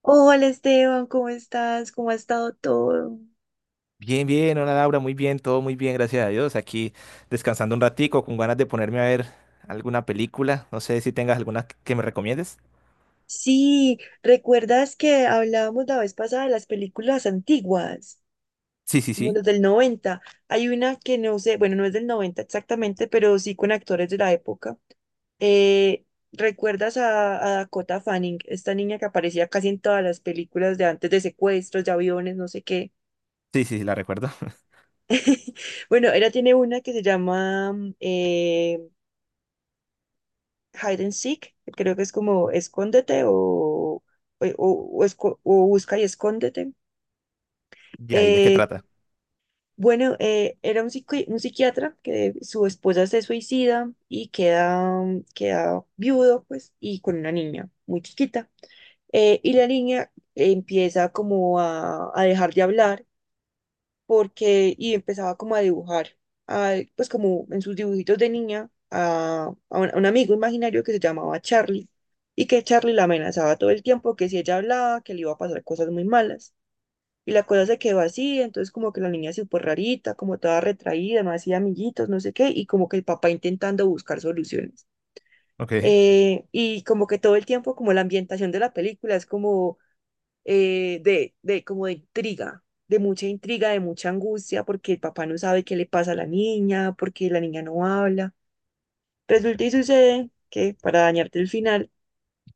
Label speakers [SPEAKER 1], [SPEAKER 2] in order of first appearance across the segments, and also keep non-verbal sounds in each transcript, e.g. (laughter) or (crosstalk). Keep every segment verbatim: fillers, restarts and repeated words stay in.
[SPEAKER 1] Hola Esteban, ¿cómo estás? ¿Cómo ha estado todo?
[SPEAKER 2] Bien, bien, hola Laura, muy bien, todo muy bien, gracias a Dios. Aquí descansando un ratico, con ganas de ponerme a ver alguna película. No sé si tengas alguna que que me recomiendes.
[SPEAKER 1] Sí, ¿recuerdas que hablábamos la vez pasada de las películas antiguas,
[SPEAKER 2] Sí, sí,
[SPEAKER 1] como
[SPEAKER 2] sí.
[SPEAKER 1] los del noventa? Hay una que no sé, bueno, no es del noventa exactamente, pero sí con actores de la época. Eh, ¿recuerdas a a Dakota Fanning, esta niña que aparecía casi en todas las películas de antes, de secuestros, de aviones, no sé qué?
[SPEAKER 2] Sí, sí, sí, la recuerdo. (laughs)
[SPEAKER 1] Bueno, ella tiene una que se llama mm, eh, Hide and Seek, creo que es como escóndete o, o, o esco- o busca y escóndete.
[SPEAKER 2] ¿Y ahí de qué
[SPEAKER 1] Eh,
[SPEAKER 2] trata?
[SPEAKER 1] bueno, eh, era un, psiqui- un psiquiatra que su esposa se suicida y queda, queda viudo, pues, y con una niña muy chiquita. Eh, y la niña empieza como a a dejar de hablar porque, y empezaba como a dibujar, a- pues como en sus dibujitos de niña, a, a un, a un amigo imaginario que se llamaba Charlie y que Charlie la amenazaba todo el tiempo, que si ella hablaba, que le iba a pasar cosas muy malas. Y la cosa se quedó así, entonces como que la niña se fue rarita, como toda retraída, no hacía amiguitos, no sé qué, y como que el papá intentando buscar soluciones.
[SPEAKER 2] Ok.
[SPEAKER 1] Eh, y como que todo el tiempo, como la ambientación de la película es como eh, de, de como de intriga, de mucha intriga, de mucha angustia, porque el papá no sabe qué le pasa a la niña, porque la niña no habla. Resulta y sucede que, para dañarte el final,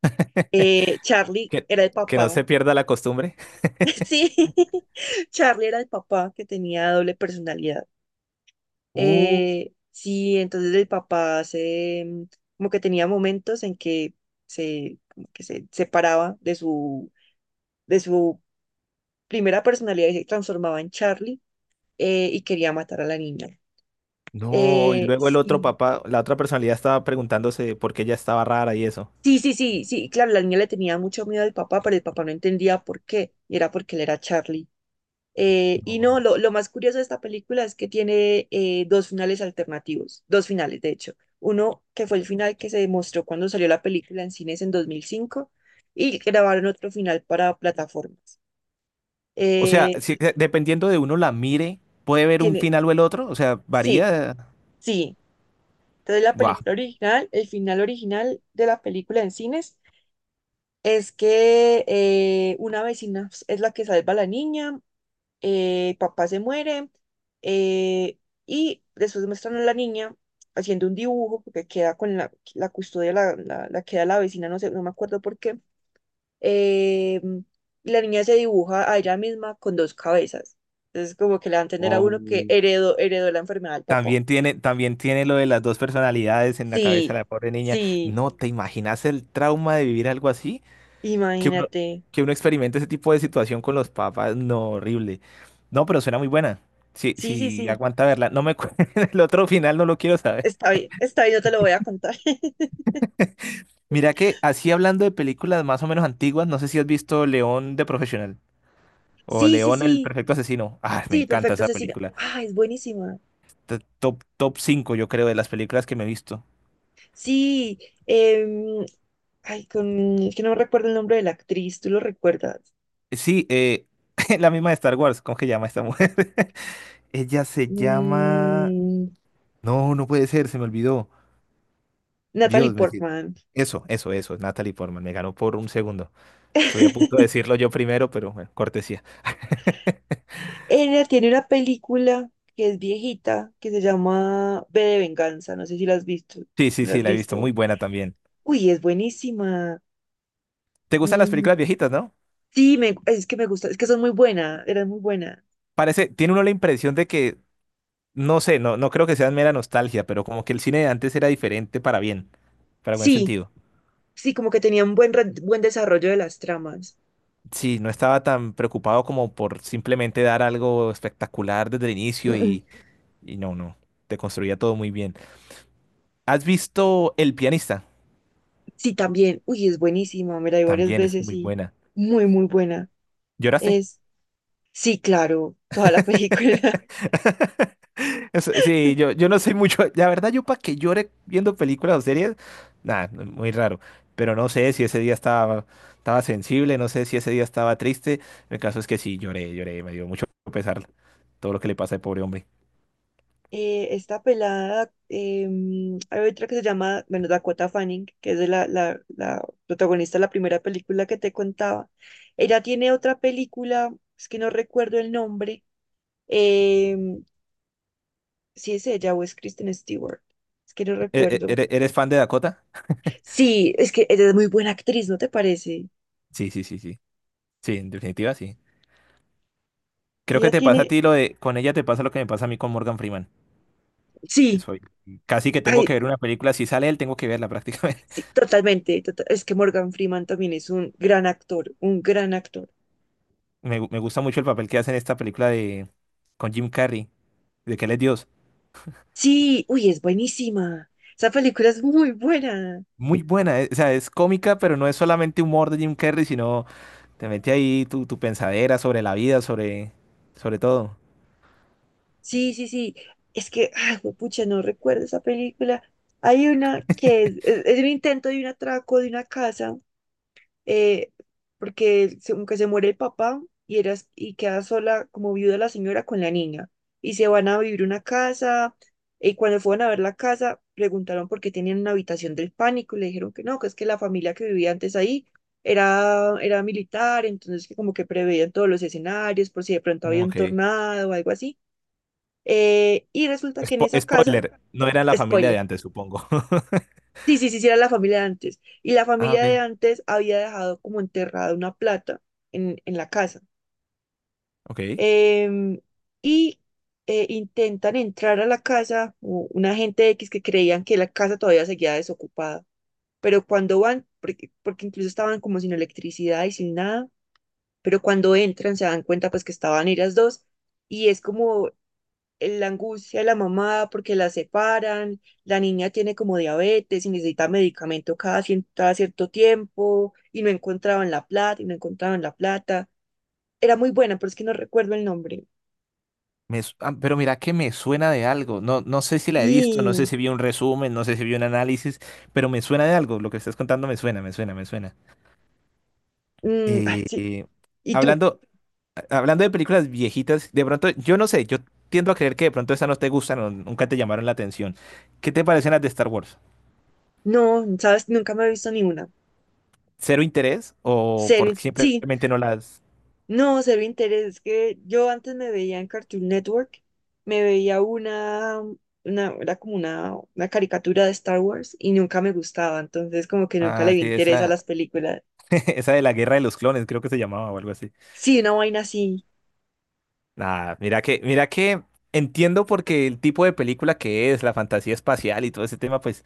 [SPEAKER 2] (laughs)
[SPEAKER 1] eh, Charlie
[SPEAKER 2] Que,
[SPEAKER 1] era el
[SPEAKER 2] que no
[SPEAKER 1] papá.
[SPEAKER 2] se pierda la costumbre.
[SPEAKER 1] (laughs)
[SPEAKER 2] (laughs)
[SPEAKER 1] Sí, (laughs) Charlie era el papá que tenía doble personalidad.
[SPEAKER 2] Uh,
[SPEAKER 1] Eh, sí, entonces el papá se, mm, como que tenía momentos en que se, como que se separaba de su, de su primera personalidad y se transformaba en Charlie, eh, y quería matar a la niña.
[SPEAKER 2] no, y
[SPEAKER 1] Eh,
[SPEAKER 2] luego el otro
[SPEAKER 1] sí,
[SPEAKER 2] papá, la otra personalidad estaba preguntándose por qué ella estaba rara y eso.
[SPEAKER 1] sí, sí, sí, sí, claro, la niña le tenía mucho miedo al papá, pero el papá no entendía por qué, y era porque él era Charlie. Eh, y no,
[SPEAKER 2] No.
[SPEAKER 1] lo, lo más curioso de esta película es que tiene eh, dos finales alternativos, dos finales, de hecho. Uno que fue el final que se demostró cuando salió la película en cines en dos mil cinco, y grabaron otro final para plataformas.
[SPEAKER 2] O sea,
[SPEAKER 1] Eh,
[SPEAKER 2] si, de- dependiendo de uno la mire, puede ver un
[SPEAKER 1] tiene,
[SPEAKER 2] final o el otro. O sea,
[SPEAKER 1] sí,
[SPEAKER 2] varía.
[SPEAKER 1] sí. Entonces la
[SPEAKER 2] Guau.
[SPEAKER 1] película original, el final original de la película en cines, es que eh, una vecina es la que salva a la niña, eh, papá se muere, eh, y después muestran a la niña haciendo un dibujo porque queda con la, la custodia, la, la, la queda la vecina, no sé, no me acuerdo por qué. eh, y la niña se dibuja a ella misma con dos cabezas. Entonces como que le va a entender a uno que
[SPEAKER 2] Oh.
[SPEAKER 1] heredó, heredó la enfermedad del papá.
[SPEAKER 2] También tiene, también tiene lo de las dos personalidades en la cabeza
[SPEAKER 1] Sí,
[SPEAKER 2] de la pobre niña.
[SPEAKER 1] sí,
[SPEAKER 2] ¿No te imaginas el trauma de vivir algo así? Que uno,
[SPEAKER 1] imagínate.
[SPEAKER 2] que uno experimente ese tipo de situación con los papás. No, horrible. No, pero suena muy buena. Sí,
[SPEAKER 1] Sí, sí,
[SPEAKER 2] sí,
[SPEAKER 1] sí.
[SPEAKER 2] aguanta verla. No me cu- (laughs) el otro final, no lo quiero saber.
[SPEAKER 1] Está bien, está bien, yo te lo voy a contar. (laughs)
[SPEAKER 2] Mira que así hablando de películas más o menos antiguas, no sé si has visto León de Profesional o
[SPEAKER 1] Sí, sí,
[SPEAKER 2] León el
[SPEAKER 1] sí.
[SPEAKER 2] Perfecto Asesino. Ah, me
[SPEAKER 1] Sí,
[SPEAKER 2] encanta
[SPEAKER 1] perfecto,
[SPEAKER 2] esa
[SPEAKER 1] Cecilia.
[SPEAKER 2] película.
[SPEAKER 1] Ah, es buenísima.
[SPEAKER 2] T- Top, top cinco yo creo, de las películas que me he visto.
[SPEAKER 1] Sí, em, ay, con, es que no recuerdo el nombre de la actriz, ¿tú lo recuerdas?
[SPEAKER 2] Sí, eh, (laughs) la misma de Star Wars, ¿cómo que llama esta mujer? (laughs) Ella se llama...
[SPEAKER 1] Mm,
[SPEAKER 2] No, no puede ser, se me olvidó.
[SPEAKER 1] Natalie
[SPEAKER 2] Dios, me... si,
[SPEAKER 1] Portman.
[SPEAKER 2] Eso, eso, eso, es Natalie Portman, me ganó por un segundo. Estuve a punto de
[SPEAKER 1] (laughs)
[SPEAKER 2] decirlo yo primero, pero bueno, cortesía.
[SPEAKER 1] Ella tiene una película que es viejita, que se llama V de Venganza, no sé si la has visto.
[SPEAKER 2] Sí, sí,
[SPEAKER 1] ¿La
[SPEAKER 2] sí,
[SPEAKER 1] has
[SPEAKER 2] la he visto,
[SPEAKER 1] visto?
[SPEAKER 2] muy buena también.
[SPEAKER 1] Uy, es buenísima.
[SPEAKER 2] ¿Te gustan las películas
[SPEAKER 1] Mm,
[SPEAKER 2] viejitas, no?
[SPEAKER 1] sí, me, es que me gusta, es que son muy buenas, eran muy buenas.
[SPEAKER 2] Parece, tiene uno la impresión de que, no sé, no, no creo que sea mera nostalgia, pero como que el cine de antes era diferente para bien, para buen
[SPEAKER 1] Sí,
[SPEAKER 2] sentido.
[SPEAKER 1] sí, como que tenían buen, re- buen desarrollo de las tramas.
[SPEAKER 2] Sí, no estaba tan preocupado como por simplemente dar algo espectacular desde el
[SPEAKER 1] Mm,
[SPEAKER 2] inicio
[SPEAKER 1] mm.
[SPEAKER 2] y, y no, no, te construía todo muy bien. ¿Has visto El pianista?
[SPEAKER 1] Sí, también. Uy, es buenísima. Me la vi varias
[SPEAKER 2] También es
[SPEAKER 1] veces
[SPEAKER 2] muy
[SPEAKER 1] y
[SPEAKER 2] buena.
[SPEAKER 1] muy, muy buena.
[SPEAKER 2] ¿Lloraste?
[SPEAKER 1] Es, sí, claro, toda la película. (laughs)
[SPEAKER 2] (laughs) Eso- Sí, yo, yo no soy mucho, la verdad yo para que llore viendo películas o series, nada, muy raro, pero no sé si ese día estaba, estaba sensible, no sé si ese día estaba triste, el caso es que sí, lloré, lloré, me dio mucho pesar todo lo que le pasa al pobre hombre.
[SPEAKER 1] Eh, esta pelada, em, hay otra que se llama, bueno, Dakota Fanning, que es de la, la, la protagonista de la primera película que te contaba. Ella tiene otra película, es que no recuerdo el nombre. em, si es ella o es Kristen Stewart. Es que no
[SPEAKER 2] ¿E- e-
[SPEAKER 1] recuerdo.
[SPEAKER 2] ¿Eres, eres fan de Dakota?
[SPEAKER 1] Sí, es que ella es muy buena actriz, ¿no te parece?
[SPEAKER 2] Sí, sí, sí, sí, sí, en definitiva sí. Creo que
[SPEAKER 1] Ella
[SPEAKER 2] te pasa a
[SPEAKER 1] tiene,
[SPEAKER 2] ti lo de, con ella te pasa lo que me pasa a mí con Morgan Freeman, que
[SPEAKER 1] sí.
[SPEAKER 2] soy, casi que tengo
[SPEAKER 1] Ay,
[SPEAKER 2] que ver una película, si sale él tengo que verla prácticamente.
[SPEAKER 1] sí,
[SPEAKER 2] (laughs)
[SPEAKER 1] totalmente. Tota- es que Morgan Freeman también es un gran actor, un gran actor.
[SPEAKER 2] Me, gu- me gusta mucho el papel que hace en esta película de, con Jim Carrey, de que él es Dios.
[SPEAKER 1] Sí, uy, es buenísima. Esa película es muy buena.
[SPEAKER 2] Muy buena, eh, o sea, es cómica, pero no es solamente humor de Jim Carrey, sino te mete ahí tu, tu pensadera sobre la vida, sobre, sobre todo.
[SPEAKER 1] Sí, sí, sí. Es que, ay, pucha, no recuerdo esa película. Hay una que es, es- es un intento de un atraco de una casa, eh, porque se- como que se muere el papá y, era, y queda sola como viuda la señora con la niña. Y se van a vivir una casa, y cuando fueron a ver la casa, preguntaron por qué tenían una habitación del pánico y le dijeron que no, que es que la familia que vivía antes ahí era, era militar, entonces que como que preveían todos los escenarios por si de pronto
[SPEAKER 2] Mm,
[SPEAKER 1] había un
[SPEAKER 2] ok.
[SPEAKER 1] tornado o algo así. Eh, y resulta que en
[SPEAKER 2] Spo-
[SPEAKER 1] esa casa,
[SPEAKER 2] spoiler, no era la familia de
[SPEAKER 1] spoiler.
[SPEAKER 2] antes, supongo. (laughs)
[SPEAKER 1] Sí, sí, sí, sí, era la familia de antes. Y la
[SPEAKER 2] Ah,
[SPEAKER 1] familia de
[SPEAKER 2] ok.
[SPEAKER 1] antes había dejado como enterrada una plata en, en la casa.
[SPEAKER 2] Ok.
[SPEAKER 1] Em, y eh, intentan entrar a la casa, u- una gente X que creían que la casa todavía seguía desocupada. Pero cuando van, porque, porque incluso estaban como sin electricidad y sin nada, pero cuando entran se dan cuenta pues que estaban ellas dos. Y es como la angustia de la mamá porque la separan, la niña tiene como diabetes y necesita medicamento cada, cien- cada cierto tiempo, y no encontraban la plata y no encontraban la plata. Era muy buena, pero es que no recuerdo el nombre.
[SPEAKER 2] Me su- ah, pero mira que me suena de algo. No, no sé si la he visto, no sé
[SPEAKER 1] Y,
[SPEAKER 2] si vi un resumen, no sé si vi un análisis, pero me suena de algo. Lo que estás contando me suena, me suena, me suena.
[SPEAKER 1] mm, ay,
[SPEAKER 2] Eh,
[SPEAKER 1] sí.
[SPEAKER 2] eh,
[SPEAKER 1] ¿Y tú?
[SPEAKER 2] hablando, a- hablando de películas viejitas, de pronto, yo no sé, yo tiendo a creer que de pronto esas no te gustan o nunca te llamaron la atención. ¿Qué te parecen las de Star Wars?
[SPEAKER 1] No, sabes, nunca me he visto ni una.
[SPEAKER 2] ¿Cero interés o
[SPEAKER 1] Cero,
[SPEAKER 2] porque
[SPEAKER 1] sí,
[SPEAKER 2] simplemente no las...
[SPEAKER 1] no, cero interés. Es que yo antes me veía en Cartoon Network, me veía una, una, era como una, una caricatura de Star Wars y nunca me gustaba, entonces como que nunca le
[SPEAKER 2] Ah,
[SPEAKER 1] vi
[SPEAKER 2] sí,
[SPEAKER 1] interés a
[SPEAKER 2] esa,
[SPEAKER 1] las películas.
[SPEAKER 2] (laughs) esa de la Guerra de los Clones, creo que se llamaba o algo así.
[SPEAKER 1] Sí, una vaina así.
[SPEAKER 2] Nada, mira que, mira que entiendo porque el tipo de película que es, la fantasía espacial y todo ese tema, pues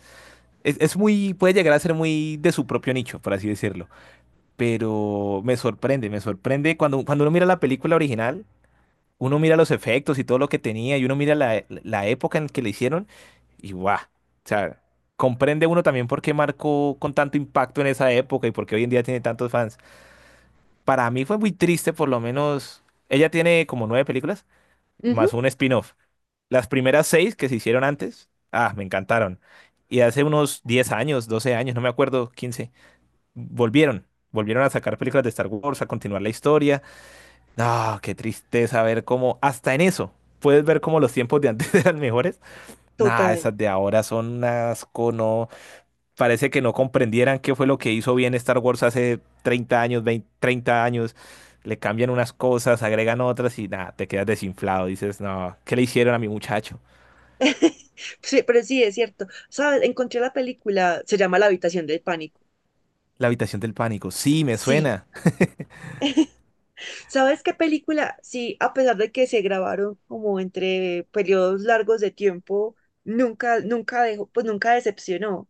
[SPEAKER 2] es, es muy, puede llegar a ser muy de su propio nicho, por así decirlo. Pero me sorprende, me sorprende cuando, cuando uno mira la película original, uno mira los efectos y todo lo que tenía y uno mira la, la época en que le hicieron y guau, o sea, comprende uno también por qué marcó con tanto impacto en esa época y por qué hoy en día tiene tantos fans. Para mí fue muy triste, por lo menos, ella tiene como nueve películas
[SPEAKER 1] Ujú,
[SPEAKER 2] más un spin-off. Las primeras seis que se hicieron antes, ah, me encantaron. Y hace unos diez años, doce años, no me acuerdo, quince volvieron. Volvieron a sacar películas de Star Wars, a continuar la historia. No, qué tristeza ver cómo, hasta en eso, puedes ver cómo los tiempos de antes (laughs) eran mejores. Nah,
[SPEAKER 1] total.
[SPEAKER 2] esas de ahora son un asco, no. Parece que no comprendieran qué fue lo que hizo bien Star Wars hace treinta años, veinte treinta años. Le cambian unas cosas, agregan otras y nada, te quedas desinflado. Dices, no, ¿qué le hicieron a mi muchacho?
[SPEAKER 1] (laughs) Sí, pero sí, es cierto. ¿Sabes? Encontré la película, se llama La habitación del pánico.
[SPEAKER 2] La habitación del pánico. Sí, me
[SPEAKER 1] Sí.
[SPEAKER 2] suena.
[SPEAKER 1] (laughs) ¿Sabes qué película? Sí, a pesar de que se grabaron como entre periodos largos de tiempo, nunca, nunca dejó, pues nunca decepcionó.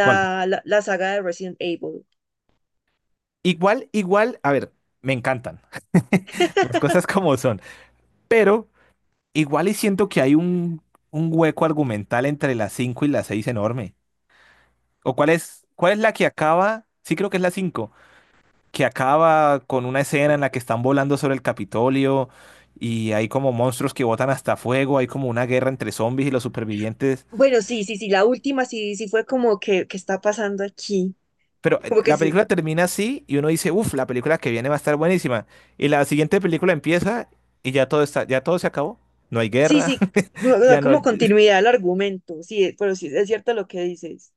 [SPEAKER 2] ¿Cuál?
[SPEAKER 1] la, La saga de Resident Evil.
[SPEAKER 2] Igual, igual, a ver, me encantan (laughs) las
[SPEAKER 1] (laughs)
[SPEAKER 2] cosas como son, pero igual y siento que hay un, un hueco argumental entre las cinco y las seis enorme. ¿O cuál es, cuál es la que acaba? Sí, creo que es la cinco, que acaba con una escena en la que están volando sobre el Capitolio y hay como monstruos que botan hasta fuego, hay como una guerra entre zombies y los supervivientes.
[SPEAKER 1] Bueno, sí, sí, sí, la última sí, sí fue como que, que está pasando aquí.
[SPEAKER 2] Pero eh,
[SPEAKER 1] Como que
[SPEAKER 2] la
[SPEAKER 1] sí,
[SPEAKER 2] película termina así y uno dice, uff, la película que viene va a estar buenísima. Y la siguiente película empieza y ya todo está, ya todo se acabó. No hay
[SPEAKER 1] sí,
[SPEAKER 2] guerra,
[SPEAKER 1] sí, no,
[SPEAKER 2] (laughs)
[SPEAKER 1] no,
[SPEAKER 2] ya no.
[SPEAKER 1] como
[SPEAKER 2] es-
[SPEAKER 1] continuidad al argumento, sí, eh, pero sí, es cierto lo que dices.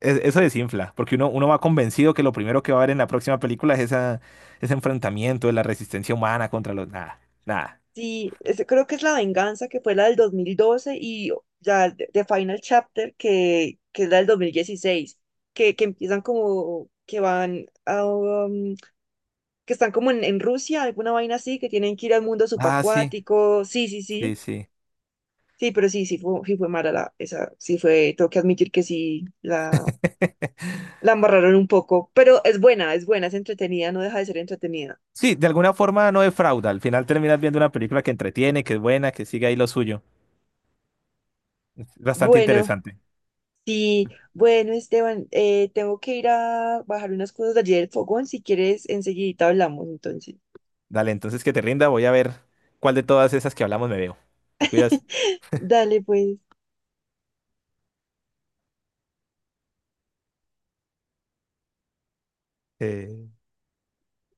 [SPEAKER 2] Eso desinfla, porque uno, uno va convencido que lo primero que va a haber en la próxima película es esa, ese enfrentamiento de la resistencia humana contra los. Nada, nada.
[SPEAKER 1] Sí, es- creo que es la venganza, que fue la del dos mil doce, y oh, ya The The Final Chapter, que que es la del dos mil dieciséis, que que empiezan como que van a, um, que están como en, en Rusia, alguna vaina así, que tienen que ir al mundo
[SPEAKER 2] Ah, sí,
[SPEAKER 1] subacuático, sí, sí, sí.
[SPEAKER 2] sí, sí.
[SPEAKER 1] Sí, pero sí, sí fue, sí fue mala la, esa, sí fue, tengo que admitir que sí la,
[SPEAKER 2] (laughs)
[SPEAKER 1] la embarraron un poco, pero es buena, es buena, es entretenida, no deja de ser entretenida.
[SPEAKER 2] Sí, de alguna forma no defrauda. Al final terminas viendo una película que entretiene, que es buena, que sigue ahí lo suyo. Es bastante
[SPEAKER 1] Bueno,
[SPEAKER 2] interesante.
[SPEAKER 1] sí, bueno, Esteban, eh, tengo que ir a bajar unas cosas de allí del fogón, si quieres enseguidita hablamos, entonces.
[SPEAKER 2] Dale, entonces que te rinda, voy a ver cuál de todas esas que hablamos me veo. ¿Te cuidas?
[SPEAKER 1] (laughs) Dale, pues.
[SPEAKER 2] Eh,